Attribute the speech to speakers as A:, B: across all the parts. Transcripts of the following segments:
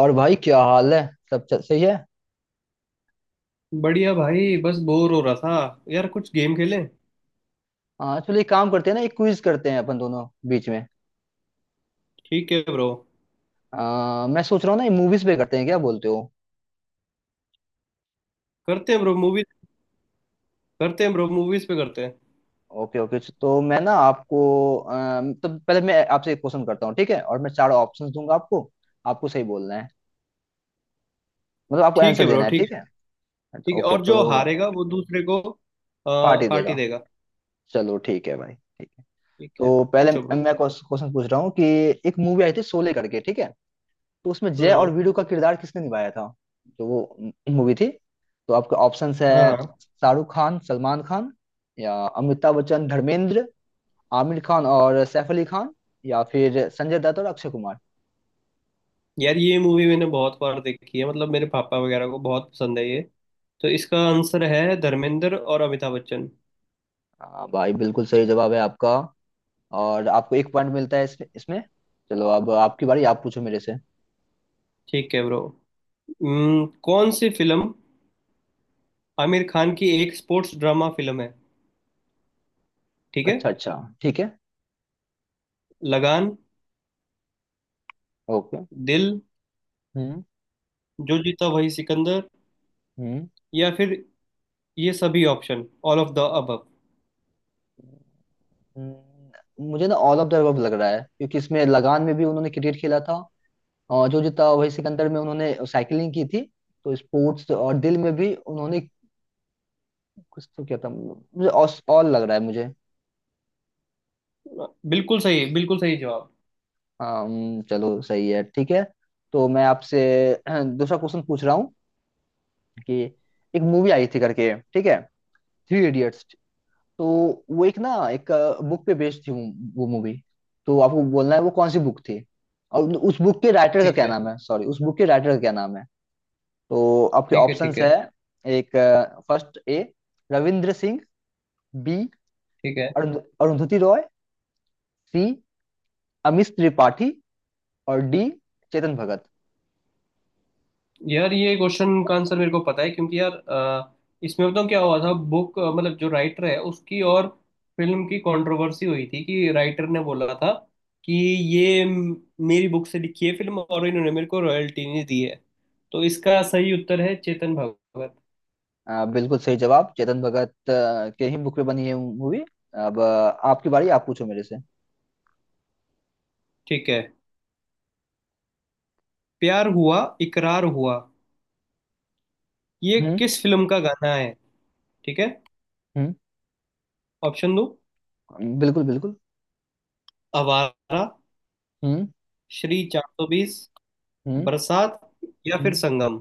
A: और भाई क्या हाल है। सब चल सही है।
B: बढ़िया भाई बस बोर हो रहा था यार कुछ गेम खेलें।
A: हाँ, चलो एक काम करते हैं ना, एक क्विज करते हैं अपन दोनों बीच में।
B: ठीक है ब्रो।
A: मैं सोच रहा हूँ ना, मूवीज पे करते हैं, क्या बोलते हो?
B: करते हैं ब्रो मूवीज। करते हैं ब्रो मूवीज पे करते हैं।
A: ओके ओके, तो मैं ना आपको आ, तो पहले मैं आपसे एक क्वेश्चन करता हूँ, ठीक है, और मैं चार ऑप्शंस दूंगा आपको। आपको सही बोलना है, मतलब आपको
B: ठीक
A: आंसर
B: है ब्रो
A: देना है,
B: ठीक
A: ठीक
B: है।
A: है।
B: ठीक है
A: ओके,
B: और
A: तो
B: जो हारेगा वो दूसरे को
A: पार्टी
B: पार्टी
A: देगा।
B: देगा।
A: चलो ठीक है भाई, ठीक है।
B: ठीक है।
A: तो पहले
B: पूछो ब्रो।
A: मैं क्वेश्चन पूछ रहा हूँ कि एक मूवी आई थी शोले करके, ठीक है, तो उसमें जय और
B: हम्म।
A: वीरू का किरदार किसने निभाया था? जो वो मूवी थी। तो आपके ऑप्शंस है,
B: हाँ हाँ।
A: शाहरुख खान सलमान खान, या अमिताभ बच्चन धर्मेंद्र, आमिर खान और सैफ अली खान, या फिर संजय दत्त और अक्षय कुमार।
B: यार ये मूवी मैंने बहुत बार देखी है मतलब मेरे पापा वगैरह को बहुत पसंद है ये। तो इसका आंसर है धर्मेंद्र और अमिताभ बच्चन।
A: हाँ भाई, बिल्कुल सही जवाब है आपका, और आपको एक पॉइंट मिलता है इसमें इसमें। चलो, अब आपकी बारी, आप पूछो मेरे से।
B: ठीक है ब्रो। कौन सी फिल्म आमिर खान की एक स्पोर्ट्स ड्रामा फिल्म है। ठीक है।
A: अच्छा अच्छा, ठीक है।
B: लगान।
A: ओके।
B: दिल।
A: हम्म।
B: जो जीता वही सिकंदर।
A: हम्म।
B: या फिर ये सभी option all of the above.
A: हम्म, मुझे ना ऑल ऑफ द अबव लग रहा है, क्योंकि इसमें लगान में भी उन्होंने क्रिकेट खेला था, और जो जीता वही सिकंदर में उन्होंने साइकिलिंग की थी, तो स्पोर्ट्स, और दिल में भी उन्होंने कुछ तो किया था। मुझे ऑल लग रहा है मुझे।
B: बिल्कुल सही जवाब।
A: हाँ चलो सही है, ठीक है। तो मैं आपसे दूसरा क्वेश्चन पूछ रहा हूँ कि एक मूवी आई थी करके, ठीक है, थ्री इडियट्स। तो वो एक ना एक बुक पे बेस्ड थी वो मूवी। तो आपको बोलना है वो कौन सी बुक थी और उस बुक के राइटर का
B: ठीक
A: क्या
B: है
A: नाम है, सॉरी, उस बुक के राइटर का क्या नाम है। तो आपके
B: ठीक है ठीक
A: ऑप्शंस
B: है
A: है, एक, first, A Ravindra Singh, B
B: ठीक है।
A: अरुण- अरुंधति रॉय, सी अमिश त्रिपाठी, और डी चेतन भगत।
B: यार ये क्वेश्चन का आंसर मेरे को पता है क्योंकि यार इसमें बताऊँ क्या हुआ था बुक मतलब जो राइटर है उसकी और फिल्म की कंट्रोवर्सी हुई थी कि राइटर ने बोला था कि ये म- मेरी बुक से लिखी है फिल्म और इन्होंने मेरे को रॉयल्टी नहीं दी है। तो इसका सही उत्तर है चेतन भगत।
A: बिल्कुल सही जवाब, चेतन भगत के ही बुक पे बनी है मूवी। अब आपकी बारी, आप पूछो मेरे से।
B: ठीक है। प्यार हुआ इकरार हुआ ये
A: हम्म।
B: किस फिल्म का गाना है। ठीक है। ऑप्शन दो।
A: बिल्कुल बिल्कुल।
B: आवारा।
A: हम्म।
B: श्री 420।
A: हम्म।
B: बरसात या फिर
A: हम्म
B: संगम।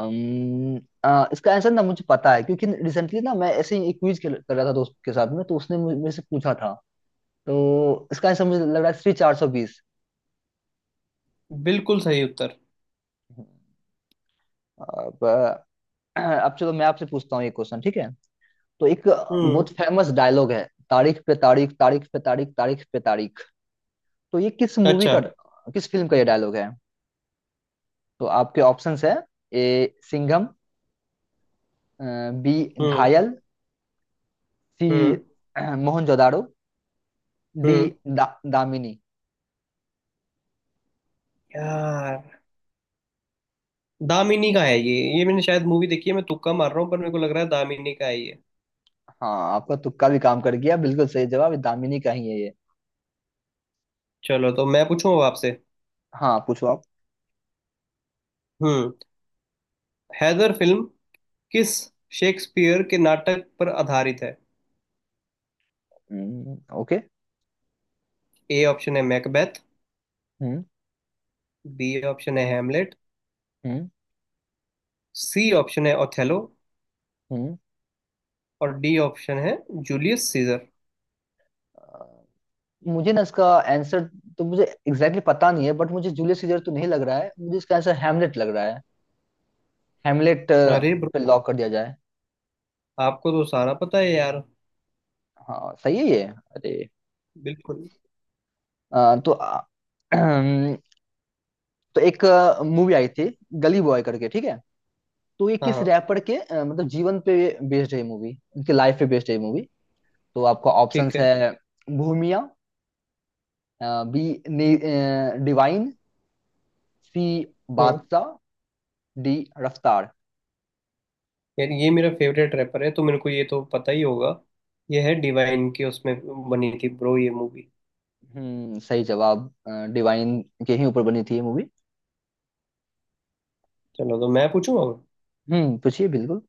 A: अम्म, इसका आंसर ना मुझे पता है, क्योंकि रिसेंटली ना मैं ऐसे ही एक क्विज कर कर रहा था दोस्त के साथ में, तो उसने मेरे से पूछा था। तो इसका आंसर मुझे लग रहा है श्री 420।
B: बिल्कुल सही उत्तर।
A: अब अब चलो मैं आपसे पूछता हूँ ये क्वेश्चन, ठीक है। तो एक
B: हम्म।
A: बहुत फेमस डायलॉग है, तारीख पे तारीख, तारीख पे तारीख, तारीख पे तारीख। तो ये किस मूवी
B: अच्छा।
A: का, किस फिल्म का ये डायलॉग है? तो आपके ऑप्शंस है, ए सिंघम, बी
B: हम्म
A: घायल, सी
B: हम्म
A: मोहनजोदाड़ो, डी
B: हम्म।
A: दा, दामिनी।
B: यार दामिनी का है ये। ये मैंने शायद मूवी देखी है मैं तुक्का मार रहा हूँ पर मेरे को लग रहा है दामिनी का है ये।
A: हाँ, आपका तुक्का भी काम कर गया, बिल्कुल सही जवाब, ये दामिनी का ही है ये।
B: चलो तो मैं पूछूं अब आपसे।
A: हाँ पूछो आप।
B: हम्म। हैदर फिल्म किस शेक्सपियर के नाटक पर आधारित है।
A: ओके।
B: ए ऑप्शन है मैकबेथ।
A: हम्म।
B: बी ऑप्शन है हेमलेट।
A: हम्म।
B: सी ऑप्शन है ओथेलो।
A: हम्म।
B: और डी ऑप्शन है जूलियस सीजर।
A: अ, मुझे ना इसका आंसर तो मुझे एग्जैक्टली exactly पता नहीं है, बट मुझे जूलियस सीजर तो नहीं लग रहा है, मुझे इसका आंसर हैमलेट लग रहा है, हेमलेट
B: अरे
A: पे
B: ब्रो
A: लॉक कर दिया जाए।
B: आपको तो सारा पता है यार।
A: हाँ सही है ये अरे।
B: बिल्कुल।
A: तो तो एक मूवी आई थी गली बॉय करके, ठीक है, तो ये
B: हाँ
A: किस
B: हाँ।
A: रैपर के मतलब जीवन पे बेस्ड है मूवी, उनके लाइफ पे बेस्ड है मूवी। तो आपका
B: ठीक
A: ऑप्शंस
B: है।
A: है, भूमिया, बी डिवाइन, सी
B: हम्म।
A: बादशाह, डी रफ्तार।
B: यार ये मेरा फेवरेट रैपर है तो मेरे को ये तो पता ही होगा। ये है डिवाइन की उसमें बनी थी ब्रो ये मूवी।
A: सही जवाब, डिवाइन के ही ऊपर बनी थी ये मूवी।
B: चलो तो मैं पूछूंगा अब?
A: पूछिए बिल्कुल।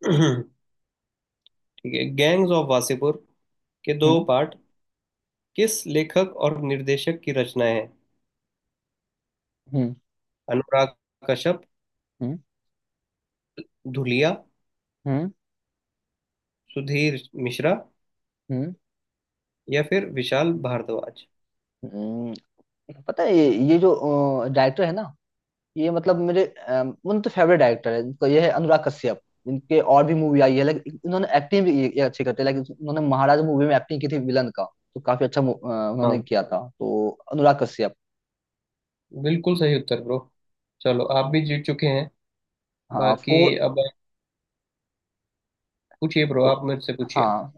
B: ठीक है गैंग्स ऑफ वासेपुर के दो
A: हम्म।
B: पार्ट किस लेखक और निर्देशक की रचनाएं हैं।
A: हम्म।
B: अनुराग कश्यप।
A: हम्म।
B: धुलिया।
A: हम्म।
B: सुधीर मिश्रा।
A: हम्म।
B: या फिर विशाल भारद्वाज।
A: हम्म, पता है ये जो डायरेक्टर है ना, ये मतलब मेरे उन तो फेवरेट डायरेक्टर है, इनका ये है अनुराग कश्यप। इनके और भी मूवी आई है, लेकिन इन्होंने एक्टिंग भी ये अच्छी करते हैं, लेकिन इन्होंने महाराज मूवी में एक्टिंग की थी विलन का, तो काफी अच्छा उन्होंने
B: हाँ
A: किया था। तो अनुराग कश्यप।
B: बिल्कुल सही उत्तर ब्रो। चलो आप भी जीत चुके हैं।
A: हाँ
B: बाकी
A: 4।
B: अब पूछिए ब्रो
A: तो
B: आप मुझसे पूछिए।
A: हाँ,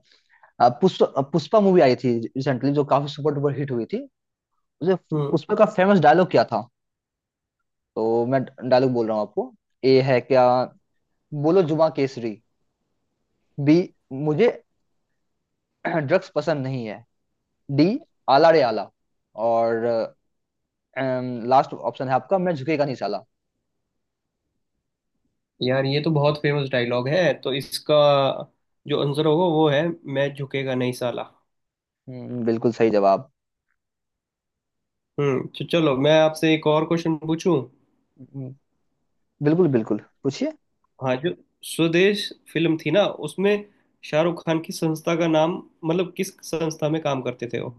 A: पुष्पा मूवी आई थी रिसेंटली जो काफी सुपर डुपर हिट हुई थी। मुझे,
B: हम्म।
A: पुष्पा का फेमस डायलॉग क्या था? तो मैं डायलॉग बोल रहा हूँ आपको। ए है क्या बोलो जुमा केसरी, बी मुझे ड्रग्स पसंद नहीं है, डी आला रे आला, और लास्ट ऑप्शन है आपका मैं झुकेगा नहीं साला।
B: यार ये तो बहुत फेमस डायलॉग है तो इसका जो आंसर होगा वो है मैं झुकेगा नहीं साला।
A: बिल्कुल सही जवाब।
B: तो चलो मैं आपसे एक और क्वेश्चन पूछूं।
A: हम्म, बिल्कुल बिल्कुल पूछिए।
B: हाँ जो स्वदेश फिल्म थी ना उसमें शाहरुख खान की संस्था का नाम मतलब किस संस्था में काम करते थे वो।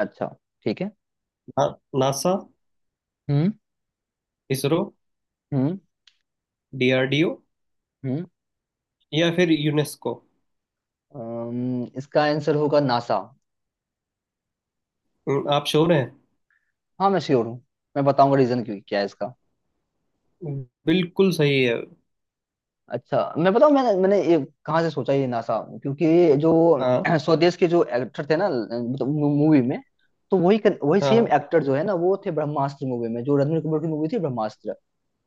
A: अच्छा, ठीक है।
B: ना, नासा
A: हम्म।
B: इसरो
A: हम्म।
B: डीआरडीओ
A: हम्म।
B: या फिर यूनेस्को।
A: इसका आंसर होगा नासा।
B: आप श्योर हैं।
A: हाँ मैं श्योर हूँ, मैं बताऊंगा रीजन क्यों क्या है इसका।
B: बिल्कुल सही है।
A: अच्छा मैं बताऊँ, मैंने मैंने ये कहाँ से सोचा ये नासा, क्योंकि जो
B: हाँ
A: स्वदेश के जो एक्टर थे ना मूवी में, तो वही वही सेम
B: हाँ
A: एक्टर जो है ना, वो थे ब्रह्मास्त्र मूवी में, जो रणबीर कपूर की मूवी थी ब्रह्मास्त्र।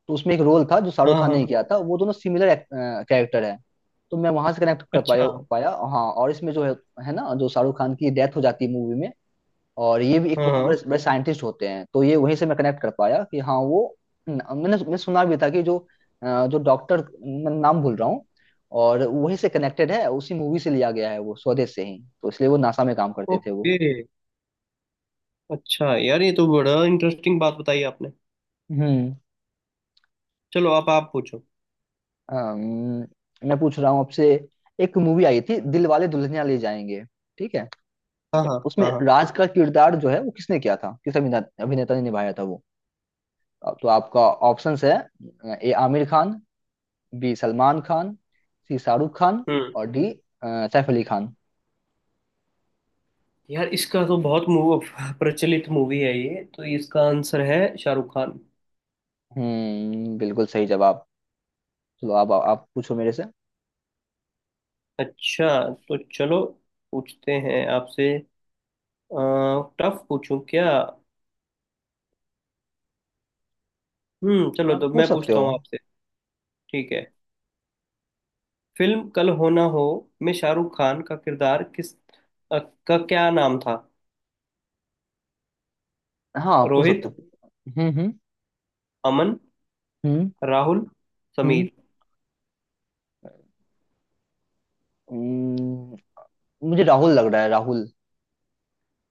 A: तो उसमें एक रोल था जो शाहरुख
B: हाँ
A: खान
B: हाँ।
A: ने किया था, वो दोनों सिमिलर कैरेक्टर है। तो मैं वहां से कनेक्ट कर पाया
B: अच्छा।
A: पाया हाँ, और इसमें जो है ना, जो शाहरुख खान की डेथ हो जाती है मूवी में, और ये भी एक बहुत बड़े
B: हाँ।
A: बड़े साइंटिस्ट होते हैं, तो ये वहीं से मैं कनेक्ट कर पाया कि हाँ वो मैंने मैंने सुना भी था कि जो जो डॉक्टर, मैं नाम भूल रहा हूँ, और वहीं से कनेक्टेड है, उसी मूवी से लिया गया है, वो स्वदेश से ही, तो इसलिए वो नासा में काम करते थे वो।
B: ओके। अच्छा यार ये तो बड़ा इंटरेस्टिंग बात बताई आपने।
A: हम्म।
B: चलो आप पूछो।
A: अम्म, मैं पूछ रहा हूँ आपसे, एक मूवी आई थी दिल वाले दुल्हनिया ले जाएंगे, ठीक है,
B: हाँ हाँ
A: उसमें
B: हाँ हाँ।
A: राज का किरदार जो है वो किसने किया था, किस अभिनेता अभिनेता ने निभाया था वो? तो आपका ऑप्शंस है, A Aamir Khan, B Salman Khan, C Shahrukh Khan,
B: हम्म।
A: और डी सैफ अली खान।
B: यार इसका तो बहुत मूव प्रचलित मूवी है ये तो इसका आंसर है शाहरुख खान।
A: बिल्कुल सही जवाब। चलो आप पूछो मेरे से।
B: अच्छा। तो चलो पूछते हैं आपसे। टफ पूछूं क्या। चलो
A: आप
B: तो
A: पूछ
B: मैं
A: सकते
B: पूछता
A: हो।
B: हूँ आपसे। ठीक है। फिल्म कल हो ना हो में शाहरुख खान का किरदार किस अ, का क्या नाम था।
A: हाँ पूछ
B: रोहित।
A: सकते हो। हम्म। हम्म।
B: अमन।
A: हम्म।
B: राहुल।
A: हम्म।
B: समीर।
A: हम्म, मुझे राहुल लग रहा है, राहुल।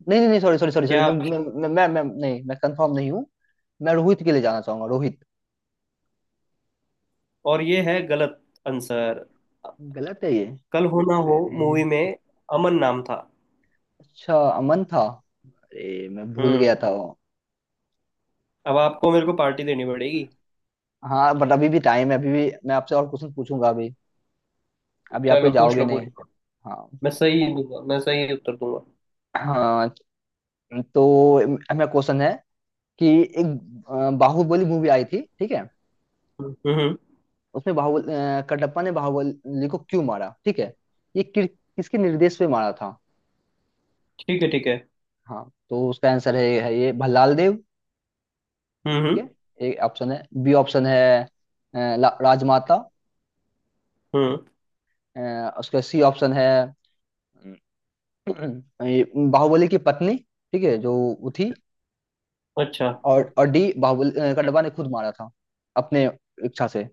A: नहीं नहीं नहीं, सॉरी सॉरी सॉरी सॉरी,
B: क्या आप।
A: नहीं मैं कंफर्म नहीं हूँ। मैं रोहित के लिए जाना चाहूंगा, रोहित।
B: और ये है गलत आंसर।
A: गलत है
B: कल हो ना हो मूवी
A: ये।
B: में अमन नाम था।
A: अच्छा, अमन था, अरे मैं भूल गया
B: हम्म।
A: था वो।
B: अब आपको मेरे को पार्टी देनी पड़ेगी।
A: हाँ बट अभी भी टाइम है, अभी भी मैं आपसे और क्वेश्चन पूछूंगा अभी, अभी आप
B: चलो
A: कोई
B: पूछ
A: जाओगे
B: लो पूछ
A: नहीं।
B: लो।
A: हाँ।
B: मैं सही दूंगा मैं सही उत्तर दूंगा।
A: हाँ, तो मेरा क्वेश्चन है कि एक बाहुबली मूवी आई थी, ठीक है,
B: हम्म।
A: उसमें कटप्पा ने बाहुबली को क्यों मारा, ठीक है, ये किसके निर्देश पे मारा था?
B: ठीक है
A: हाँ तो उसका आंसर है ये भल्लाल देव,
B: हम्म
A: ठीक
B: हम्म
A: है, एक ऑप्शन है, बी ऑप्शन है राजमाता,
B: हम्म,
A: उसका सी ऑप्शन है ये बाहुबली की पत्नी, ठीक है, जो वो थी,
B: अच्छा।
A: और डी बाहुबली कटवा ने खुद मारा था अपने इच्छा से।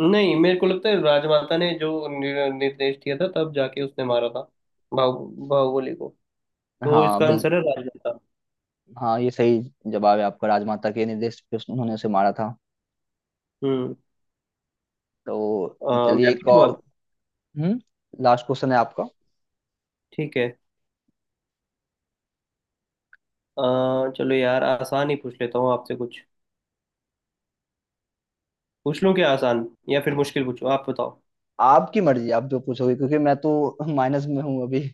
B: नहीं मेरे को लगता है राजमाता ने जो निर्देश दिया था तब जाके उसने मारा था बाहुबली को। तो
A: हाँ
B: इसका
A: बिल
B: आंसर है राजमाता।
A: हाँ ये सही जवाब है आपका, राजमाता के निर्देश पे उन्होंने उसे मारा था।
B: हम्म।
A: तो चलिए
B: मैं
A: एक
B: पूछूं
A: और।
B: अब।
A: हम्म, लास्ट क्वेश्चन है आपका।
B: ठीक है। अ, चलो यार आसान ही पूछ लेता हूँ आपसे कुछ। पूछ लूँ क्या आसान या फिर मुश्किल पूछूं आप बताओ।
A: आपकी मर्जी, आप जो पूछोगे, क्योंकि मैं तो माइनस में हूँ अभी।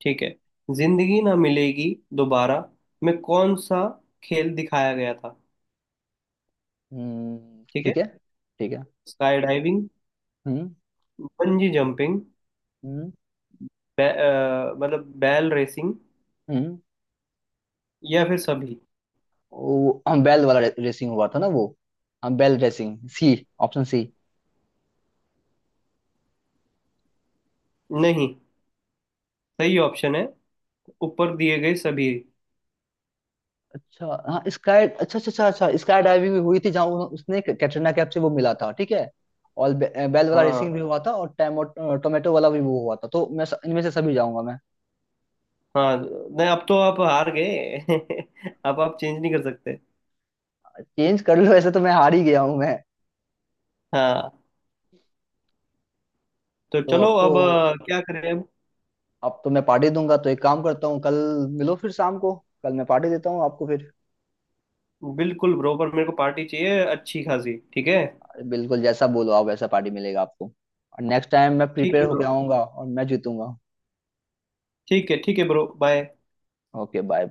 B: ठीक है। जिंदगी ना मिलेगी दोबारा में कौन सा खेल दिखाया गया था। ठीक है।
A: ठीक है। ठीक है।
B: Skydiving.
A: हम्म।
B: Bungee jumping.
A: हम्म।
B: मतलब बैल रेसिंग।
A: हम्म।
B: या फिर सभी।
A: वो हम बैल वाला रेसिंग हुआ था ना वो, हम बैल रेसिंग, सी, ऑप्शन सी।
B: नहीं सही ऑप्शन है ऊपर दिए गए सभी।
A: अच्छा हाँ स्काई, अच्छा अच्छा अच्छा अच्छा, स्काई डाइविंग भी हुई थी, जहाँ उसने कैटरीना कैफ से वो मिला था, ठीक है, और बेल वाला रेसिंग भी
B: हाँ।
A: हुआ था, और टैमो टोमेटो वाला भी वो हुआ था, तो मैं इनमें से सभी जाऊंगा मैं।
B: हाँ नहीं अब तो आप हार गए। अब आप चेंज नहीं कर सकते।
A: चेंज कर लो, ऐसे तो मैं हार ही गया हूँ मैं।
B: हाँ। तो
A: तो
B: चलो
A: अब तो,
B: अब क्या करें अब।
A: अब तो मैं पार्टी दूंगा, तो एक काम करता हूँ, कल मिलो फिर शाम को, कल मैं पार्टी देता हूँ आपको फिर।
B: बिल्कुल ब्रो पर मेरे को पार्टी चाहिए अच्छी खासी ठीक है।
A: बिल्कुल, जैसा बोलो आप वैसा पार्टी मिलेगा आपको, और नेक्स्ट टाइम मैं
B: ठीक
A: प्रिपेयर
B: है
A: होकर
B: ब्रो।
A: आऊंगा और मैं जीतूंगा।
B: ठीक है ब्रो बाय।
A: Okay bye.